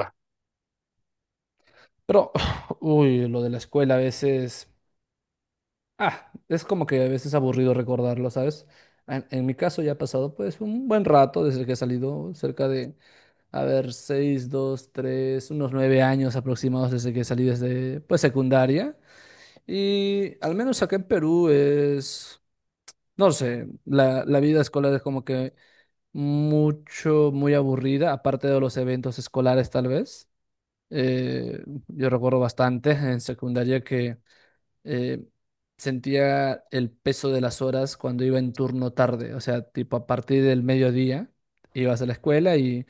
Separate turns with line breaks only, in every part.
Va.
Pero, uy, lo de la escuela a veces, es como que a veces aburrido recordarlo, ¿sabes? En mi caso ya ha pasado pues un buen rato desde que he salido, cerca de, a ver, seis, dos, tres, unos 9 años aproximados desde que salí desde pues secundaria. Y al menos acá en Perú es, no sé, la vida escolar es como que mucho, muy aburrida, aparte de los eventos escolares tal vez. Eh, yo recuerdo bastante en secundaria que eh, sentía el peso de las horas cuando iba en turno tarde, o sea, tipo a partir del mediodía ibas a la escuela y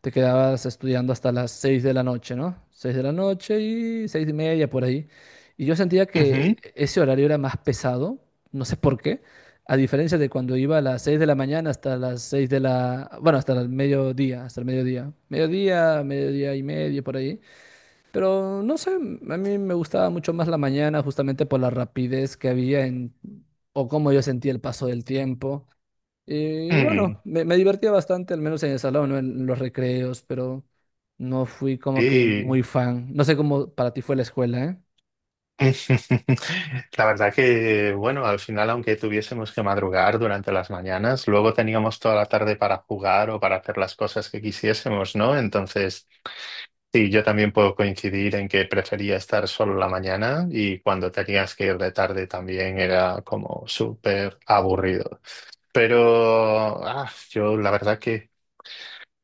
te quedabas estudiando hasta las 6 de la noche, ¿no? 6 de la noche y 6 y media por ahí. Y yo sentía que
Ujú.
ese horario era más pesado, no sé por qué, a diferencia de cuando iba a las 6 de la mañana hasta las 6 de la, bueno, hasta el mediodía, mediodía, mediodía y medio por ahí. Pero no sé, a mí me gustaba mucho más la mañana justamente por la rapidez que había en, o cómo yo sentía el paso del tiempo. Y
Mm.
bueno, me divertía bastante, al menos en el salón, ¿no? En los recreos, pero no fui como que
Sí.
muy fan. No sé cómo para ti fue la escuela, ¿eh?
La verdad que, bueno, al final, aunque tuviésemos que madrugar durante las mañanas, luego teníamos toda la tarde para jugar o para hacer las cosas que quisiésemos, ¿no? Entonces, sí, yo también puedo coincidir en que prefería estar solo la mañana, y cuando tenías que ir de tarde también era como súper aburrido. Pero yo la verdad que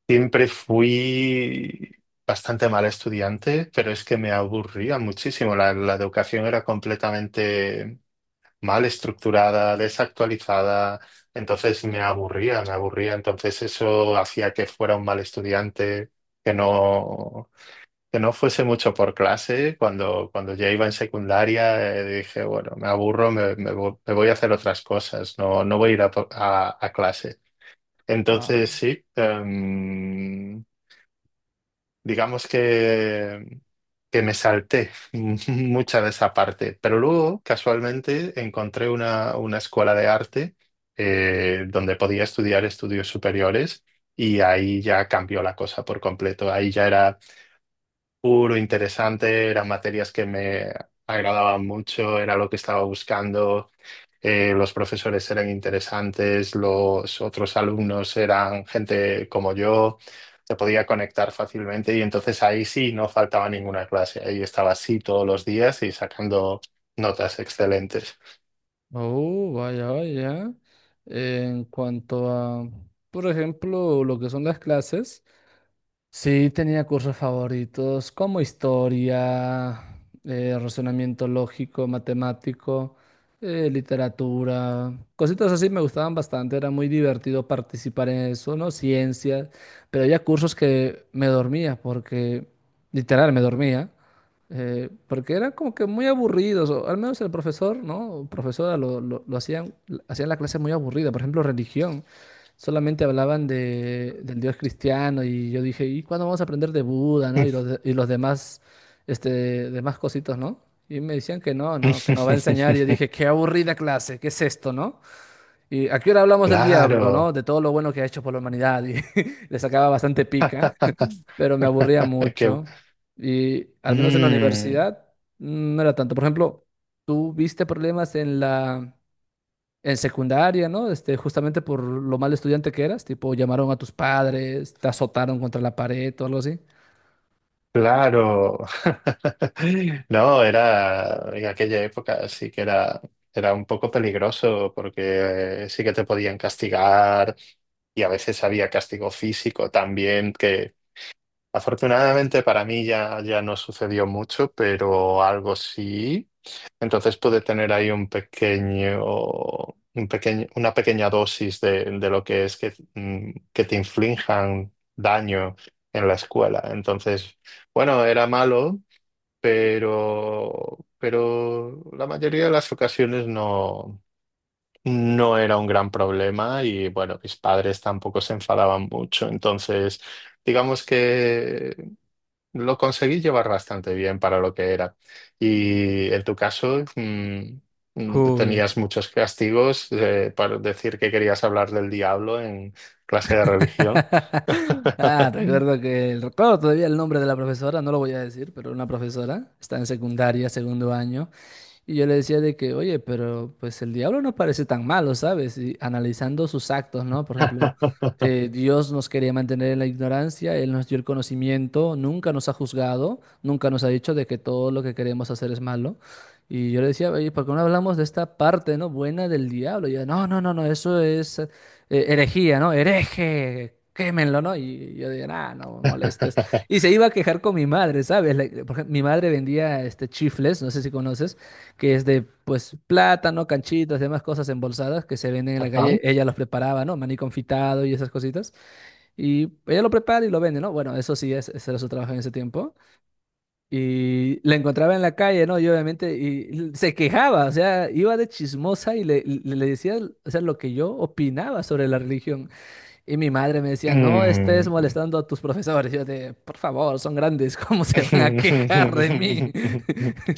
siempre fui bastante mal estudiante, pero es que me aburría muchísimo. La educación era completamente mal estructurada, desactualizada, entonces me aburría, me aburría. Entonces eso hacía que fuera un mal estudiante, que no, que no fuese mucho por clase. Cuando ya iba en secundaria, dije, bueno, me aburro, me voy a hacer otras cosas, no, no voy a ir a, a clase.
Ah,
Entonces sí. Digamos que me salté mucha de esa parte, pero luego casualmente encontré una escuela de arte, donde podía estudiar estudios superiores, y ahí ya cambió la cosa por completo. Ahí ya era puro interesante, eran materias que me agradaban mucho, era lo que estaba buscando. Los profesores eran interesantes, los otros alumnos eran gente como yo, te podía conectar fácilmente y entonces ahí sí no faltaba ninguna clase, ahí estaba así todos los días y sacando notas excelentes.
oh, vaya, vaya. En cuanto a, por ejemplo, lo que son las clases. Sí, tenía cursos favoritos como historia, razonamiento lógico, matemático, literatura, cositas así me gustaban bastante, era muy divertido participar en eso, ¿no? Ciencias, pero había cursos que me dormía porque, literal, me dormía, porque eran como que muy aburridos, o al menos el profesor, ¿no? O profesora lo hacían la clase muy aburrida, por ejemplo, religión solamente hablaban de, del Dios cristiano y yo dije, ¿y cuándo vamos a aprender de Buda, ¿no? Y los, y los demás, este, demás cositos, ¿no? Y me decían que no, no, que nos va a enseñar. Y yo dije, qué aburrida clase, ¿qué es esto, no? Y a qué hora hablamos del diablo,
Claro.
¿no? De todo lo bueno que ha hecho por la humanidad. Y le sacaba bastante pica, pero me aburría
Qué-
mucho. Y al menos en la
Mm.
universidad mm, no era tanto. Por ejemplo, ¿tú viste problemas en la, en secundaria, ¿no? Este, justamente por lo mal estudiante que eras, tipo, llamaron a tus padres, te azotaron contra la pared o algo así.
Claro. No, era en aquella época sí que era, era un poco peligroso porque sí que te podían castigar, y a veces había castigo físico también que afortunadamente para mí ya, ya no sucedió mucho, pero algo sí. Entonces puede tener ahí un pequeño, una pequeña dosis de lo que es que, que te inflijan daño en la escuela. Entonces, bueno, era malo, pero la mayoría de las ocasiones no, no era un gran problema, y bueno, mis padres tampoco se enfadaban mucho. Entonces, digamos que lo conseguí llevar bastante bien para lo que era. Y en tu caso,
Uy,
tenías muchos castigos, para decir que querías hablar del diablo en clase de religión.
ah, recuerdo que recuerdo todavía el nombre de la profesora, no lo voy a decir, pero una profesora está en secundaria, segundo año. Y yo le decía de que, oye, pero pues el diablo no parece tan malo, ¿sabes? Y analizando sus actos, ¿no? Por ejemplo,
Ajá.
Dios nos quería mantener en la ignorancia, Él nos dio el conocimiento, nunca nos ha juzgado, nunca nos ha dicho de que todo lo que queremos hacer es malo. Y yo le decía, oye, ¿por qué no hablamos de esta parte, ¿no? Buena del diablo. Y yo, no, no, no, no, eso es herejía, ¿no? Hereje. Quémenlo, ¿no? Y yo decía, ah, no me molestes. Y se iba a quejar con mi madre, ¿sabes? Like, por ejemplo, mi madre vendía este, chifles, no sé si conoces que es de pues plátano, canchitas, demás cosas embolsadas que se venden en la calle. Ella los preparaba, ¿no? Maní confitado y esas cositas. Y ella lo prepara y lo vende, ¿no? Bueno, eso sí, es, ese era su trabajo en ese tiempo. Y la encontraba en la calle, ¿no? Y obviamente y se quejaba, o sea, iba de chismosa y le, le decía, o sea, lo que yo opinaba sobre la religión. Y mi madre me decía, no estés
Mm.
molestando a tus profesores. Yo de, por favor, son grandes, ¿cómo se van a quejar de mí?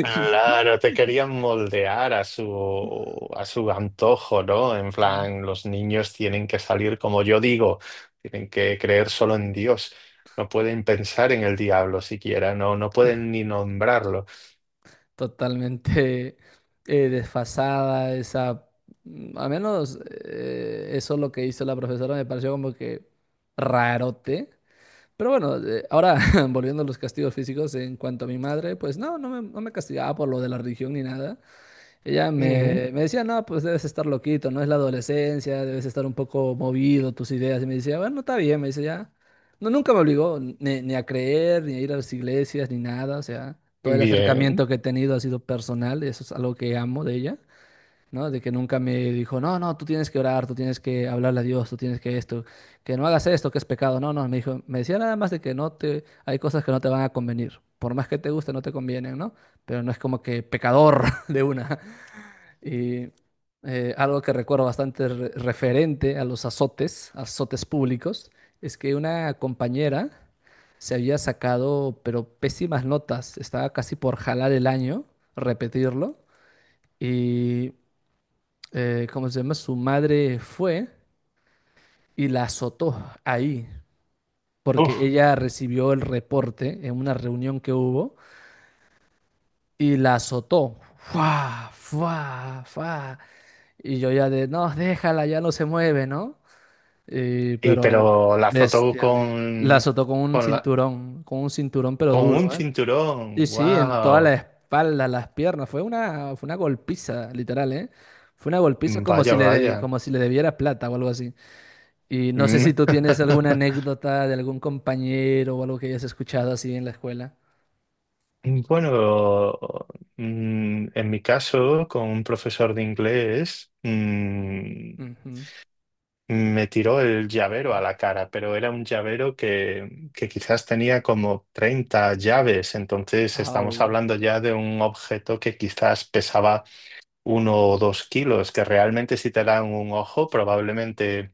Claro, te querían moldear a su antojo, ¿no? En plan, los niños tienen que salir, como yo digo, tienen que creer solo en Dios. No pueden pensar en el diablo siquiera, no, no pueden ni nombrarlo.
Totalmente desfasada, esa, mm, a menos eso lo que hizo la profesora me pareció como que rarote. Pero bueno, ahora volviendo a los castigos físicos, en cuanto a mi madre, pues no, no me castigaba por lo de la religión ni nada. Ella
Mm,
me, me decía, no, pues debes estar loquito, no es la adolescencia, debes estar un poco movido tus ideas. Y me decía, bueno, está bien, me dice, ya. No, nunca me obligó ni a creer, ni a ir a las iglesias, ni nada. O sea, todo el
bien.
acercamiento que he tenido ha sido personal, y eso es algo que amo de ella, ¿no? De que nunca me dijo, no, no, tú tienes que orar, tú tienes que hablarle a Dios, tú tienes que esto, que no hagas esto, que es pecado. No, no, me dijo, me decía nada más de que no te, hay cosas que no te van a convenir. Por más que te guste, no te convienen, ¿no? Pero no es como que pecador de una. Y algo que recuerdo bastante referente a los azotes, azotes públicos, es que una compañera se había sacado, pero pésimas notas, estaba casi por jalar el año, repetirlo, y, ¿cómo se llama? Su madre fue y la azotó ahí, porque
Uf.
ella recibió el reporte en una reunión que hubo y la azotó. ¡Fua! ¡Fua! ¡Fua! Y yo ya de, no, déjala, ya no se mueve, ¿no?
Y
Pero
pero la foto
bestial. La azotó
con la,
con un cinturón pero
con un
duro, ¿eh? Sí,
cinturón.
sí, en toda la
Wow.
espalda, las piernas. Fue una golpiza, literal, ¿eh? Fue una golpiza como si
Vaya,
le,
vaya.
como si le debiera plata o algo así. Y no sé
Mm.
si tú tienes alguna anécdota de algún compañero o algo que hayas escuchado así en la escuela.
Bueno, en mi caso, con un profesor de inglés,
Ujú.
me tiró el llavero a la cara, pero era un llavero que quizás tenía como 30 llaves, entonces estamos
Au.
hablando ya de un objeto que quizás pesaba 1 o 2 kilos, que realmente si te dan un ojo, probablemente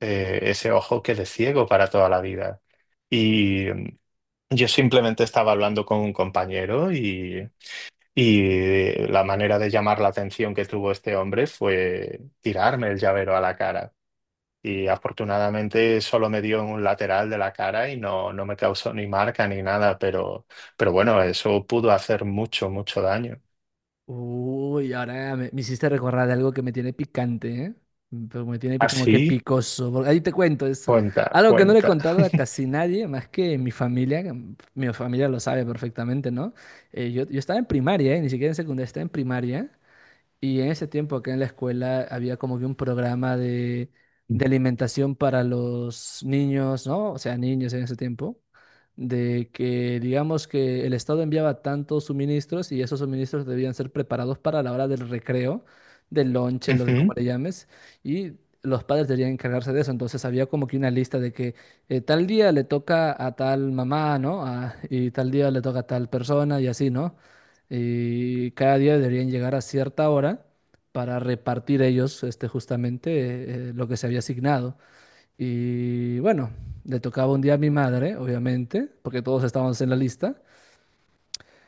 ese ojo quede ciego para toda la vida. Y yo simplemente estaba hablando con un compañero, y la manera de llamar la atención que tuvo este hombre fue tirarme el llavero a la cara. Y afortunadamente solo me dio en un lateral de la cara y no, no me causó ni marca ni nada, pero bueno, eso pudo hacer mucho, mucho daño.
Uy, ahora me hiciste recordar de algo que me tiene picante, ¿eh? Mm, pero me tiene como que
Así,
picoso. Porque ahí te cuento, es
cuenta,
algo que no le he
cuenta.
contado a casi nadie, más que mi familia. Que mm, mi familia lo sabe perfectamente, ¿no? Yo estaba en primaria, ¿eh? Ni siquiera en secundaria, estaba en primaria. Y en ese tiempo acá en la escuela había como que un programa de alimentación para los niños, ¿no? O sea, niños en ese tiempo, de que digamos que el Estado enviaba tantos suministros y esos suministros debían ser preparados para la hora del recreo, del lonche, lo que como
Ujú.
le llames, y los padres debían encargarse de eso. Entonces había como que una lista de que tal día le toca a tal mamá, ¿no? Y tal día le toca a tal persona y así, ¿no? Y cada día deberían llegar a cierta hora para repartir ellos este, justamente lo que se había asignado. Y bueno, le tocaba un día a mi madre, obviamente, porque todos estábamos en la lista.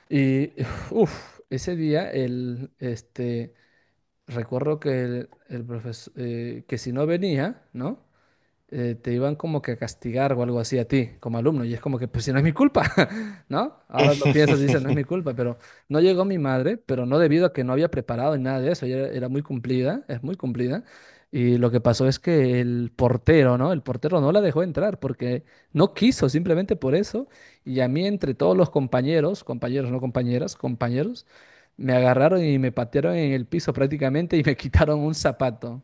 Y uff, ese día el, este, recuerdo que el profesor, que si no venía, ¿no? Te iban como que a castigar o algo así a ti como alumno. Y es como que, pues si no es mi culpa, ¿no? Ahora lo piensas y dices, no es mi culpa, pero no llegó mi madre, pero no debido a que no había preparado ni nada de eso. Ella era, era muy cumplida, es muy cumplida. Y lo que pasó es que el portero, ¿no? El portero no la dejó entrar porque no quiso, simplemente por eso. Y a mí, entre todos los compañeros, compañeros, no compañeras, compañeros, me agarraron y me patearon en el piso prácticamente y me quitaron un zapato.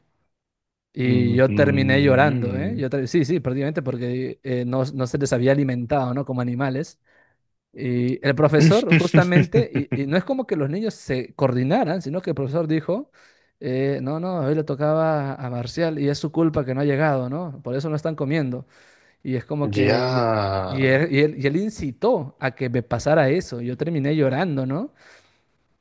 Y
Mm.
yo terminé llorando, ¿eh? Yo sí, sí, prácticamente porque no, no se les había alimentado, ¿no? Como animales. Y el profesor justamente, y no es como que los niños se coordinaran, sino que el profesor dijo, no, no, hoy le tocaba a Marcial y es su culpa que no ha llegado, ¿no? Por eso no están comiendo. Y es como
Ya.
que, y él incitó a que me pasara eso. Yo terminé llorando, ¿no?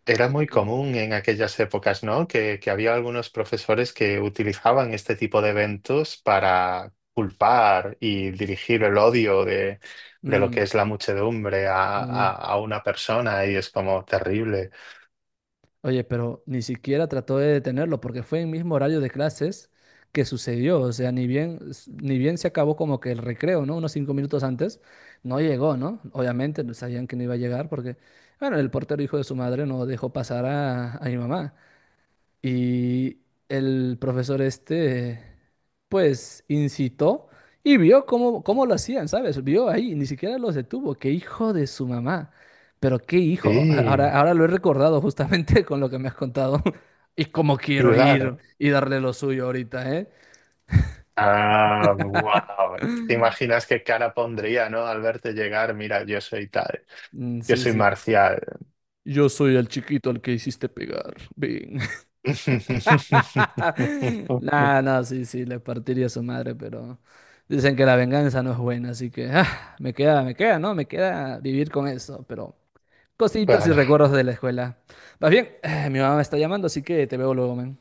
Era muy común en aquellas épocas, ¿no? Que había algunos profesores que utilizaban este tipo de eventos para culpar y dirigir el odio de lo
Mm,
que es la muchedumbre a,
sí.
a una persona, y es como terrible.
Oye, pero ni siquiera trató de detenerlo porque fue en mismo horario de clases que sucedió. O sea, ni bien, ni bien se acabó como que el recreo, ¿no? Unos 5 minutos antes, no llegó, ¿no? Obviamente no sabían que no iba a llegar porque, bueno, el portero hijo de su madre no dejó pasar a mi mamá. Y el profesor este, pues, incitó y vio cómo lo hacían, ¿sabes? Vio ahí, ni siquiera los detuvo. Qué hijo de su mamá. Pero qué hijo.
Sí,
Ahora, ahora lo he recordado justamente con lo que me has contado. Y cómo
sí,
quiero ir
claro.
y darle lo suyo ahorita, ¿eh?
Ah, wow. ¿Te imaginas qué cara pondría, ¿no? Al verte llegar, mira, yo soy tal,
Mm,
yo
sí,
soy
sí.
Marcial.
Yo soy el chiquito al que hiciste pegar. Ven. No, no, sí, sí, le partiría a su madre, pero dicen que la venganza no es buena, así que ah, me queda, ¿no? Me queda vivir con eso, pero cositas y
Bueno,
recuerdos de la escuela. Más bien, mi mamá me está llamando, así que te veo luego, man.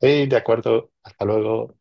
sí, de acuerdo. Hasta luego.